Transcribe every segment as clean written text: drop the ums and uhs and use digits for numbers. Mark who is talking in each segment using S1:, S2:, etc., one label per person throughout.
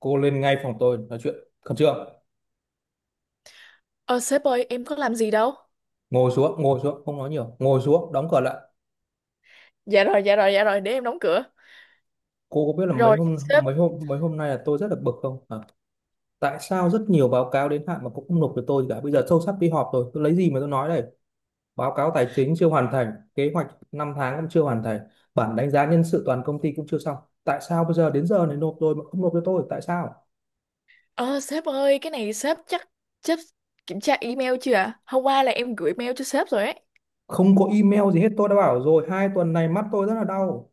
S1: Cô lên ngay phòng tôi nói chuyện, khẩn trương.
S2: Ờ Sếp ơi, em có làm gì đâu.
S1: Ngồi xuống, ngồi xuống, không nói nhiều, ngồi xuống, đóng cửa lại.
S2: Dạ rồi, dạ rồi, dạ rồi, để em đóng cửa.
S1: Cô có biết là mấy
S2: Rồi
S1: hôm
S2: sếp.
S1: mấy hôm mấy hôm nay là tôi rất là bực không? Hả? Tại sao rất nhiều báo cáo đến hạn mà cũng không nộp cho tôi gì cả? Bây giờ sâu sắc đi họp rồi tôi lấy gì mà tôi nói đây? Báo cáo tài chính chưa hoàn thành kế hoạch. Năm tháng cũng chưa hoàn thành. Bản đánh giá nhân sự toàn công ty cũng chưa xong. Tại sao bây giờ đến giờ này nộp rồi mà không nộp cho tôi, tại sao?
S2: Ờ Sếp ơi, cái này sếp chắc Sếp kiểm tra email chưa ạ? Hôm qua là em gửi mail cho sếp rồi ấy.
S1: Không có email gì hết, tôi đã bảo rồi, hai tuần này mắt tôi rất là đau.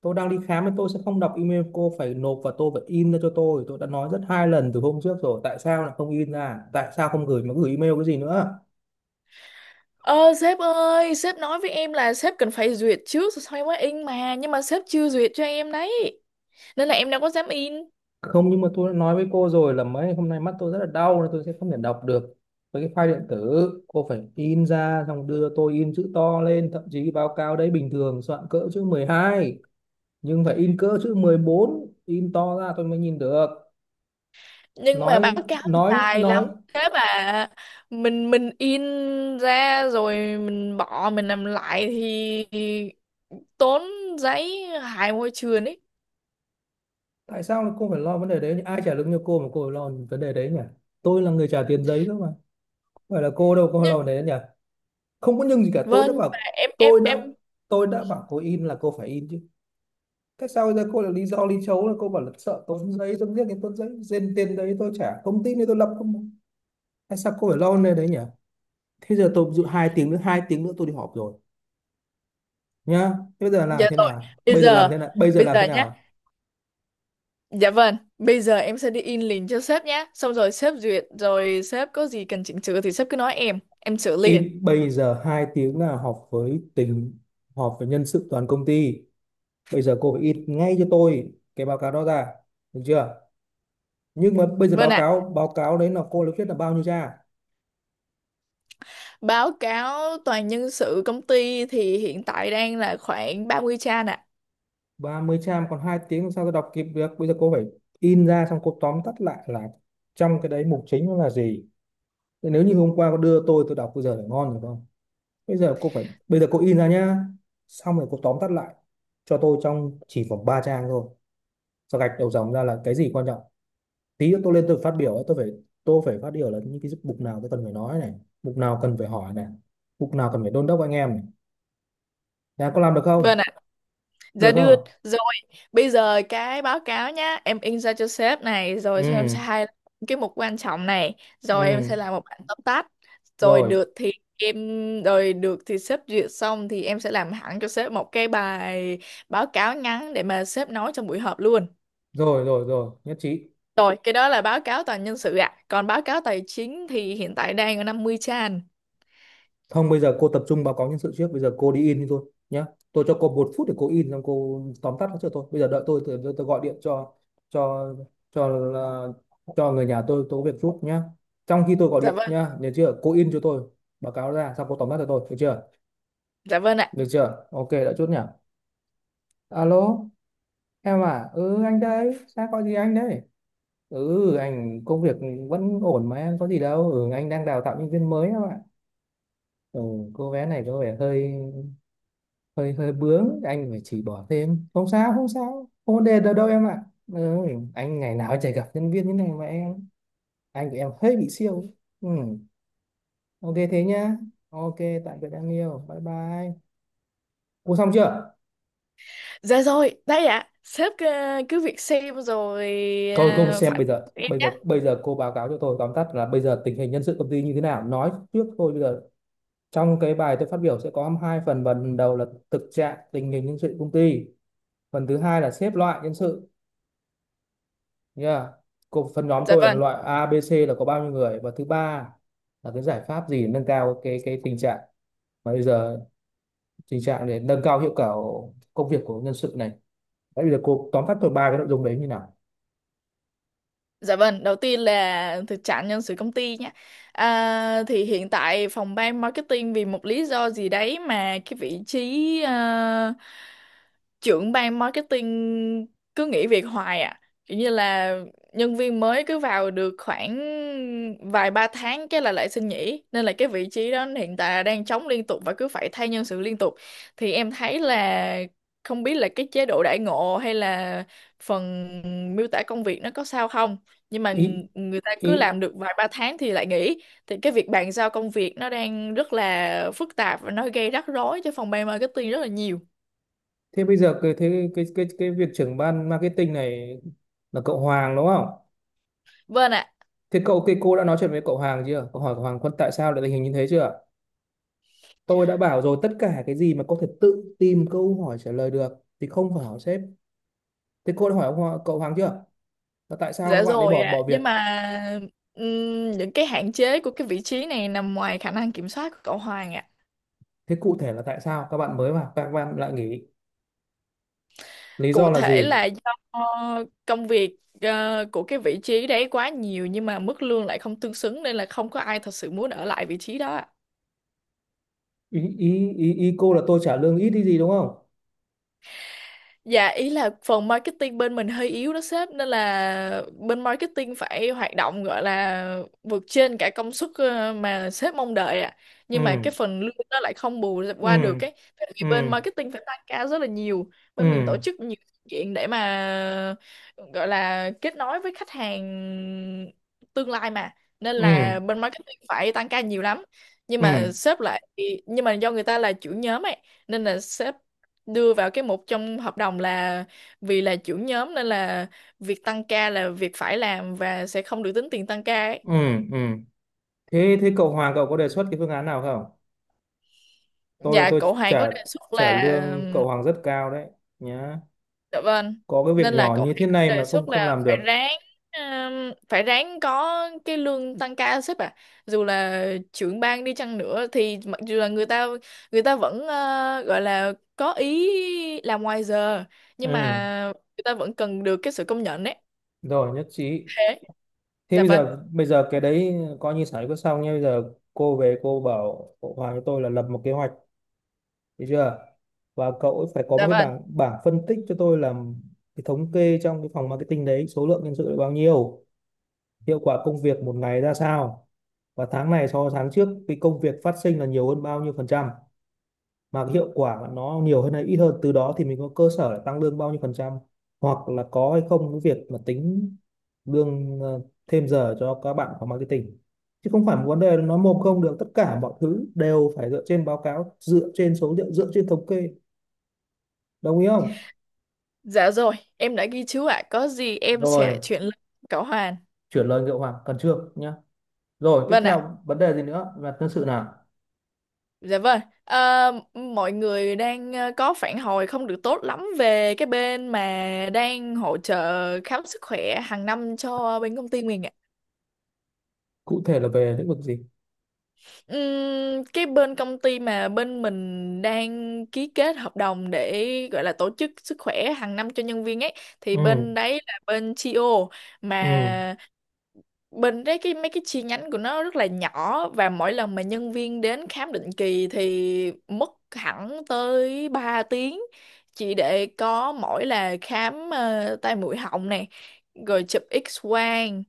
S1: Tôi đang đi khám mà tôi sẽ không đọc email, cô phải nộp và tôi phải in ra cho tôi. Tôi đã nói rất hai lần từ hôm trước rồi, tại sao lại không in ra, tại sao không gửi mà gửi email cái gì nữa?
S2: Ờ Sếp ơi, sếp nói với em là sếp cần phải duyệt trước rồi sau mới in mà. Nhưng mà sếp chưa duyệt cho em đấy. Nên là em đâu có dám in.
S1: Không, nhưng mà tôi đã nói với cô rồi là mấy hôm nay mắt tôi rất là đau nên tôi sẽ không thể đọc được với cái file điện tử. Cô phải in ra xong đưa tôi, in chữ to lên, thậm chí báo cáo đấy bình thường soạn cỡ chữ 12, nhưng phải in cỡ chữ 14, in to ra tôi mới nhìn được.
S2: Nhưng mà
S1: Nói,
S2: báo cáo thì
S1: nói,
S2: tài lắm.
S1: nói.
S2: Sếp à! Mình in ra rồi mình bỏ mình làm lại thì tốn giấy, hại môi trường ấy.
S1: Tại sao lại cô phải lo vấn đề đấy nhỉ? Ai trả lương cho cô mà cô phải lo vấn đề đấy nhỉ? Tôi là người trả tiền giấy cơ mà, không phải là cô đâu, cô lo
S2: Nhưng
S1: vấn đề đấy nhỉ. Không có nhưng gì cả, tôi
S2: vâng,
S1: đã
S2: nhưng mà
S1: bảo.
S2: em em
S1: tôi đã
S2: em
S1: tôi đã bảo cô in là cô phải in chứ. Tại sao bây giờ cô lại lý do lý chấu là cô bảo là sợ tốn giấy, tốn riêng cái tốn giấy, trên tiền đấy tôi trả, công ty này tôi lập không? Tại sao cô phải lo vấn đề đấy nhỉ? Thế giờ tôi dự hai tiếng nữa, hai tiếng nữa tôi đi họp rồi nhá. Thế bây giờ
S2: Dạ
S1: làm thế
S2: rồi.
S1: nào,
S2: Bây
S1: bây giờ
S2: giờ
S1: làm thế nào, bây giờ
S2: bây
S1: làm thế
S2: giờ nhá.
S1: nào?
S2: Dạ vâng, bây giờ em sẽ đi in liền cho sếp nhá. Xong rồi sếp duyệt, rồi sếp có gì cần chỉnh sửa thì sếp cứ nói em sửa liền.
S1: In bây giờ, hai tiếng là họp với tỉnh, họp với nhân sự toàn công ty. Bây giờ cô phải in ngay cho tôi cái báo cáo đó ra. Được chưa? Nhưng mà bây giờ
S2: Vâng
S1: báo
S2: ạ.
S1: cáo báo cáo đấy là cô lấy viết là bao nhiêu trang?
S2: Báo cáo toàn nhân sự công ty thì hiện tại đang là khoảng 30 trang ạ.
S1: 30 trang còn hai tiếng làm sao tôi đọc kịp được? Bây giờ cô phải in ra, xong cô tóm tắt lại là trong cái đấy mục chính nó là gì. Thế nếu như hôm qua cô đưa tôi đọc bây giờ là ngon rồi không? Bây giờ cô phải, bây giờ cô in ra nhá. Xong rồi cô tóm tắt lại cho tôi trong chỉ khoảng 3 trang thôi, sau gạch đầu dòng ra là cái gì quan trọng. Tí nữa tôi lên tôi phát biểu ấy, tôi phải phát biểu là những cái mục nào tôi cần phải nói này, mục nào cần phải hỏi này, mục nào cần phải đôn đốc anh em này. Nhà có làm được không?
S2: Vâng ạ.
S1: Được
S2: Dạ được.
S1: không?
S2: Bây giờ cái báo cáo nhá, em in ra cho sếp này, rồi cho em
S1: Ừ.
S2: sai cái mục quan trọng này, rồi em
S1: Ừ.
S2: sẽ làm một bản tóm tắt, rồi
S1: Rồi,
S2: được thì em, rồi được thì sếp duyệt xong thì em sẽ làm hẳn cho sếp một cái bài báo cáo ngắn để mà sếp nói trong buổi họp luôn.
S1: rồi, rồi, rồi, nhất trí.
S2: Rồi, cái đó là báo cáo toàn nhân sự ạ. Còn báo cáo tài chính thì hiện tại đang ở 50 trang.
S1: Không, bây giờ cô tập trung báo cáo nhân sự trước, bây giờ cô đi in đi thôi nhá. Tôi cho cô một phút để cô in xong cô tóm tắt nó cho tôi. Bây giờ đợi tôi, tôi gọi điện cho cho cho người nhà tôi có việc giúp nhá. Trong khi tôi gọi
S2: Dạ
S1: điện
S2: vâng,
S1: nhá, nhớ chưa, cô in cho tôi báo cáo ra xong cô tóm tắt cho tôi, được chưa?
S2: dạ vâng ạ.
S1: Được chưa? Ok, đã chốt nhỉ? Alo, em à? Ừ, anh đây, sao có gì anh đây? Ừ, anh công việc vẫn ổn mà em, có gì đâu. Ừ, anh đang đào tạo nhân viên mới em ạ. Ừ, cô bé này có vẻ hơi hơi hơi bướng, anh phải chỉ bỏ thêm. Không sao, không sao. Không vấn đề đâu đâu em ạ. Ừ, anh ngày nào chả gặp nhân viên như này mà em. Anh của em hơi bị siêu. Ừ, ok thế nhá. Ok, tạm biệt em yêu. Bye bye. Cô xong chưa?
S2: Dạ rồi, đây ạ. Sếp cứ việc xem rồi
S1: Tôi không xem
S2: phản
S1: bây
S2: hồi
S1: giờ,
S2: cho em
S1: bây
S2: nhé.
S1: giờ bây giờ cô báo cáo cho tôi tóm tắt là bây giờ tình hình nhân sự công ty như thế nào, nói trước thôi bây giờ trong cái bài tôi phát biểu sẽ có hai phần, phần đầu là thực trạng tình hình nhân sự công ty, phần thứ hai là xếp loại nhân sự nha. Cô phần nhóm
S2: Dạ
S1: tôi là
S2: vâng.
S1: loại A, B, C là có bao nhiêu người, và thứ ba là cái giải pháp gì nâng cao cái tình trạng, mà bây giờ tình trạng để nâng cao hiệu quả công việc của nhân sự này. Đấy, bây giờ cô tóm tắt tôi ba cái nội dung đấy như nào?
S2: Dạ vâng, đầu tiên là thực trạng nhân sự công ty nhé. À, thì hiện tại phòng ban marketing vì một lý do gì đấy mà cái vị trí trưởng ban marketing cứ nghỉ việc hoài à. Kiểu như là nhân viên mới cứ vào được khoảng vài ba tháng cái là lại xin nghỉ. Nên là cái vị trí đó hiện tại là đang trống liên tục và cứ phải thay nhân sự liên tục. Thì em thấy là không biết là cái chế độ đãi ngộ hay là phần miêu tả công việc nó có sao không, nhưng mà
S1: ý
S2: người ta
S1: ý
S2: cứ làm được vài ba tháng thì lại nghỉ, thì cái việc bàn giao công việc nó đang rất là phức tạp và nó gây rắc rối cho phòng ban marketing rất là nhiều.
S1: Thế bây giờ cái thế cái việc trưởng ban marketing này là cậu Hoàng đúng không?
S2: Vâng ạ.
S1: Thế cậu cái cô đã nói chuyện với cậu Hoàng chưa? Cậu hỏi cậu Hoàng Quân tại sao lại tình hình như thế chưa? Tôi đã bảo rồi, tất cả cái gì mà có thể tự tìm câu hỏi trả lời được thì không phải hỏi sếp. Thế cô đã hỏi cậu Hoàng chưa? Là tại sao các
S2: Dạ
S1: bạn ấy
S2: rồi
S1: bỏ
S2: ạ,
S1: bỏ việc?
S2: nhưng mà những cái hạn chế của cái vị trí này nằm ngoài khả năng kiểm soát của cậu Hoàng ạ.
S1: Thế cụ thể là tại sao các bạn mới vào các bạn lại nghỉ? Lý
S2: Cụ
S1: do là
S2: thể
S1: gì?
S2: là do công việc của cái vị trí đấy quá nhiều nhưng mà mức lương lại không tương xứng nên là không có ai thật sự muốn ở lại vị trí đó ạ.
S1: Ý ý ý, cô là tôi trả lương ít đi gì đúng không?
S2: Dạ ý là phần marketing bên mình hơi yếu đó sếp, nên là bên marketing phải hoạt động, gọi là vượt trên cả công suất mà sếp mong đợi ạ. Nhưng mà
S1: Ừ,
S2: cái phần lương nó lại không bù qua được
S1: ừ,
S2: cái, tại vì
S1: ừ,
S2: bên marketing phải tăng ca rất là nhiều.
S1: ừ,
S2: Bên mình tổ chức nhiều sự kiện để mà gọi là kết nối với khách hàng tương lai mà, nên là
S1: ừ,
S2: bên marketing phải tăng ca nhiều lắm. Nhưng
S1: ừ, ừ,
S2: mà
S1: ừ,
S2: sếp lại nhưng mà do người ta là chủ nhóm ấy nên là sếp đưa vào cái mục trong hợp đồng là vì là trưởng nhóm nên là việc tăng ca là việc phải làm và sẽ không được tính tiền tăng ca ấy.
S1: ừ, ừ, ừ. Thế thế cậu Hoàng cậu có đề xuất cái phương án nào không? Tôi là
S2: Dạ
S1: tôi
S2: cậu Hoàng có
S1: trả
S2: đề xuất
S1: trả
S2: là.
S1: lương cậu Hoàng rất cao đấy nhá.
S2: Dạ vâng.
S1: Có cái
S2: Nên
S1: việc
S2: là
S1: nhỏ
S2: cậu
S1: như
S2: Hoàng
S1: thế
S2: có
S1: này
S2: đề
S1: mà không
S2: xuất
S1: không
S2: là
S1: làm
S2: phải
S1: được.
S2: ráng ừm, phải ráng có cái lương tăng ca sếp ạ, dù là trưởng ban đi chăng nữa thì mặc dù là người ta vẫn gọi là có ý làm ngoài giờ, nhưng
S1: Ừ,
S2: mà người ta vẫn cần được cái sự công nhận ấy.
S1: rồi nhất trí.
S2: Thế.
S1: Thế
S2: Dạ
S1: bây
S2: vâng,
S1: giờ, cái đấy coi như xảy có xong nhá. Bây giờ cô về cô bảo cậu Hoàng cho tôi là lập một kế hoạch, được chưa? Và cậu ấy phải có
S2: dạ
S1: một cái
S2: vâng.
S1: bảng bảng phân tích cho tôi làm cái thống kê trong cái phòng marketing đấy, số lượng nhân sự là bao nhiêu, hiệu quả công việc một ngày ra sao, và tháng này so với tháng trước cái công việc phát sinh là nhiều hơn bao nhiêu phần trăm, mà cái hiệu quả nó nhiều hơn hay ít hơn, từ đó thì mình có cơ sở để tăng lương bao nhiêu phần trăm, hoặc là có hay không cái việc mà tính lương thêm giờ cho các bạn phòng marketing. Chứ không phải một vấn đề nó mồm không được, tất cả mọi thứ đều phải dựa trên báo cáo, dựa trên số liệu, dựa trên thống kê. Đồng ý không?
S2: Dạ rồi, em đã ghi chú ạ. Có gì em sẽ lại
S1: Rồi,
S2: chuyển lên cậu Hoàn.
S1: chuyển lời Ngựa Hoàng cần trước nhá. Rồi tiếp
S2: Vâng ạ.
S1: theo vấn đề gì nữa là nhân sự nào?
S2: Dạ vâng. Ờ, Mọi người đang có phản hồi không được tốt lắm về cái bên mà đang hỗ trợ khám sức khỏe hàng năm cho bên công ty mình ạ.
S1: Cụ thể là về lĩnh vực gì?
S2: Cái bên công ty mà bên mình đang ký kết hợp đồng để gọi là tổ chức sức khỏe hàng năm cho nhân viên ấy thì
S1: Ừ,
S2: bên đấy là bên TO
S1: ừ,
S2: mà. Bình đấy, mấy cái chi nhánh của nó rất là nhỏ và mỗi lần mà nhân viên đến khám định kỳ thì mất hẳn tới 3 tiếng, chỉ để có mỗi là khám tai mũi họng này, rồi chụp X quang,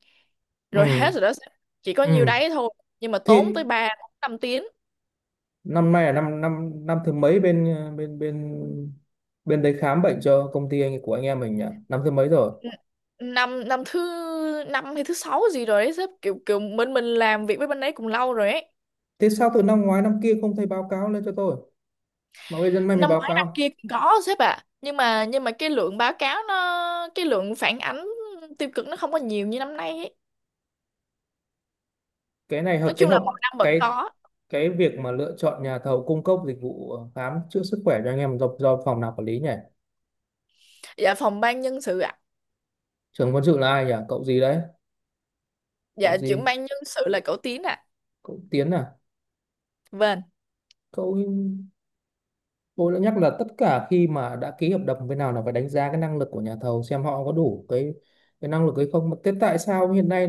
S2: rồi hết
S1: ừ,
S2: rồi đó. Chỉ có
S1: ừ
S2: nhiêu đấy thôi, nhưng mà tốn tới
S1: thì
S2: 3 5 tiếng.
S1: năm nay là năm năm năm thứ mấy bên ờ, bên bên bên đấy khám bệnh cho công ty anh của anh em mình nhỉ, năm thứ mấy rồi?
S2: N- năm năm thứ năm hay thứ sáu gì rồi đấy sếp, kiểu kiểu bên mình làm việc với bên đấy cũng lâu rồi ấy.
S1: Thế sao từ năm ngoái năm kia không thấy báo cáo lên cho tôi mà bây giờ nay mới
S2: Năm
S1: báo
S2: ngoái năm
S1: cáo?
S2: kia cũng có sếp ạ, nhưng mà cái lượng phản ánh tiêu cực nó không có nhiều như năm nay ấy.
S1: Cái này
S2: Nói
S1: hợp cái
S2: chung là
S1: hợp
S2: mỗi năm vẫn
S1: cái
S2: có.
S1: cái việc mà lựa chọn nhà thầu cung cấp dịch vụ khám chữa sức khỏe cho anh em do phòng nào quản lý nhỉ?
S2: Dạ phòng ban nhân sự ạ.
S1: Trưởng quân sự là ai nhỉ, cậu gì đấy?
S2: Dạ
S1: Cậu
S2: trưởng
S1: gì?
S2: ban nhân sự là cậu Tiến ạ.
S1: Cậu Tiến à?
S2: Vâng.
S1: cậu Tôi đã nhắc là tất cả khi mà đã ký hợp đồng bên nào là phải đánh giá cái năng lực của nhà thầu, xem họ có đủ cái năng lực hay không. Mà thế tại sao hiện nay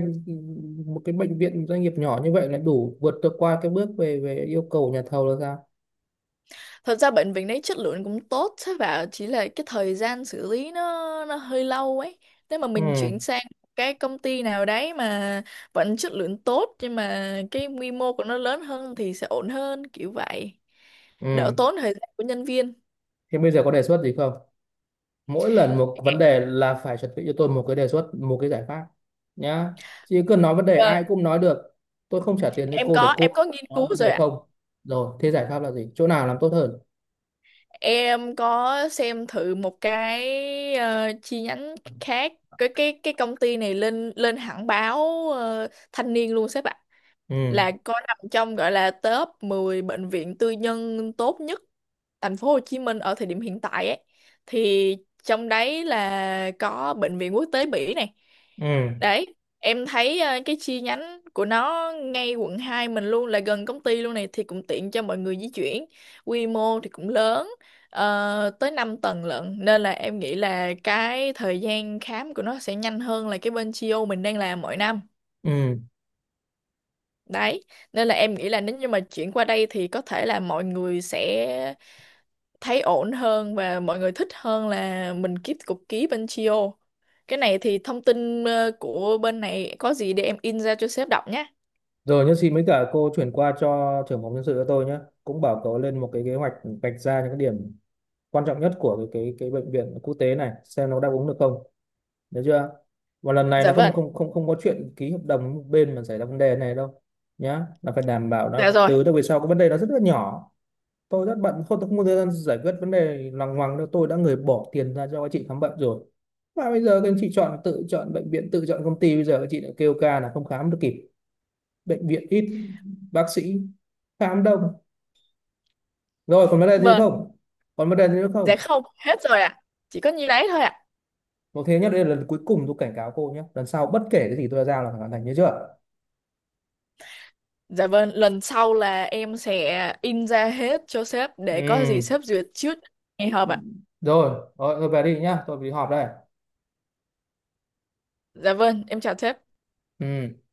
S1: một cái bệnh viện doanh nghiệp nhỏ như vậy lại đủ vượt được qua cái bước về về yêu cầu của nhà thầu là sao?
S2: Thật ra bệnh viện đấy chất lượng cũng tốt sếp ạ, chỉ là cái thời gian xử lý nó hơi lâu ấy. Nếu mà
S1: Ừ,
S2: mình chuyển sang cái công ty nào đấy mà vẫn chất lượng tốt nhưng mà cái quy mô của nó lớn hơn thì sẽ ổn hơn kiểu vậy, đỡ
S1: ừ.
S2: tốn thời gian của nhân viên.
S1: Thế bây giờ có đề xuất gì không? Mỗi lần một vấn đề là phải chuẩn bị cho tôi một cái đề xuất, một cái giải pháp nhá. Chứ cứ nói vấn đề
S2: Vâng,
S1: ai cũng nói được. Tôi không trả tiền cho
S2: em
S1: cô để
S2: có
S1: cô
S2: em có nghiên
S1: nói
S2: cứu
S1: vấn
S2: rồi
S1: đề
S2: ạ.
S1: không. Rồi, thế giải pháp là gì? Chỗ nào làm tốt hơn?
S2: Em có xem thử một cái chi nhánh khác, cái công ty này lên lên hẳn báo thanh niên luôn sếp ạ,
S1: Ừ,
S2: là cô nằm trong gọi là top 10 bệnh viện tư nhân tốt nhất thành phố Hồ Chí Minh ở thời điểm hiện tại ấy. Thì trong đấy là có bệnh viện quốc tế Bỉ này.
S1: ừ,
S2: Đấy, em thấy cái chi nhánh của nó ngay Quận 2 mình luôn, là gần công ty luôn này thì cũng tiện cho mọi người di chuyển. Quy mô thì cũng lớn tới 5 tầng lận, nên là em nghĩ là cái thời gian khám của nó sẽ nhanh hơn là cái bên Chio mình đang làm mỗi năm.
S1: ừ.
S2: Đấy, nên là em nghĩ là nếu như mà chuyển qua đây thì có thể là mọi người sẽ thấy ổn hơn và mọi người thích hơn là mình kiếp cục ký bên Chio. Cái này thì thông tin của bên này có gì để em in ra cho sếp đọc nhé.
S1: Rồi nhất xin mấy cả, cô chuyển qua cho trưởng phòng nhân sự cho tôi nhé. Cũng bảo cậu lên một cái kế hoạch, vạch ra những cái điểm quan trọng nhất của cái bệnh viện quốc tế này xem nó đáp ứng được không. Được chưa? Và lần này
S2: Dạ
S1: là không
S2: vâng,
S1: không không không có chuyện ký hợp đồng với một bên mà xảy ra vấn đề này đâu nhá. Là phải đảm bảo là
S2: dạ rồi,
S1: từ đâu về sau cái vấn đề nó rất là nhỏ. Tôi rất bận, không, tôi không có thời gian giải quyết vấn đề lằng ngoằng đâu. Tôi đã người bỏ tiền ra cho các chị khám bệnh rồi. Và bây giờ các anh chị chọn, tự chọn bệnh viện, tự chọn công ty, bây giờ các chị lại kêu ca là không khám được kịp, bệnh viện ít, bác sĩ khám đông. Rồi còn vấn đề gì nữa
S2: vâng,
S1: không? Còn vấn đề gì nữa
S2: dạ
S1: không?
S2: không, hết rồi ạ. Chỉ có nhiêu đấy thôi ạ.
S1: Một thế nhá, đây là lần cuối cùng tôi cảnh cáo cô nhé, lần sau bất kể cái gì tôi đã giao là phải hoàn thành, nhớ chưa?
S2: Dạ vâng, lần sau là em sẽ in ra hết cho sếp để có gì
S1: Ừ,
S2: sếp duyệt trước ngày họp ạ.
S1: rồi rồi tôi về đi nhá, tôi đi họp đây.
S2: Dạ vâng, em chào sếp.
S1: Ừ.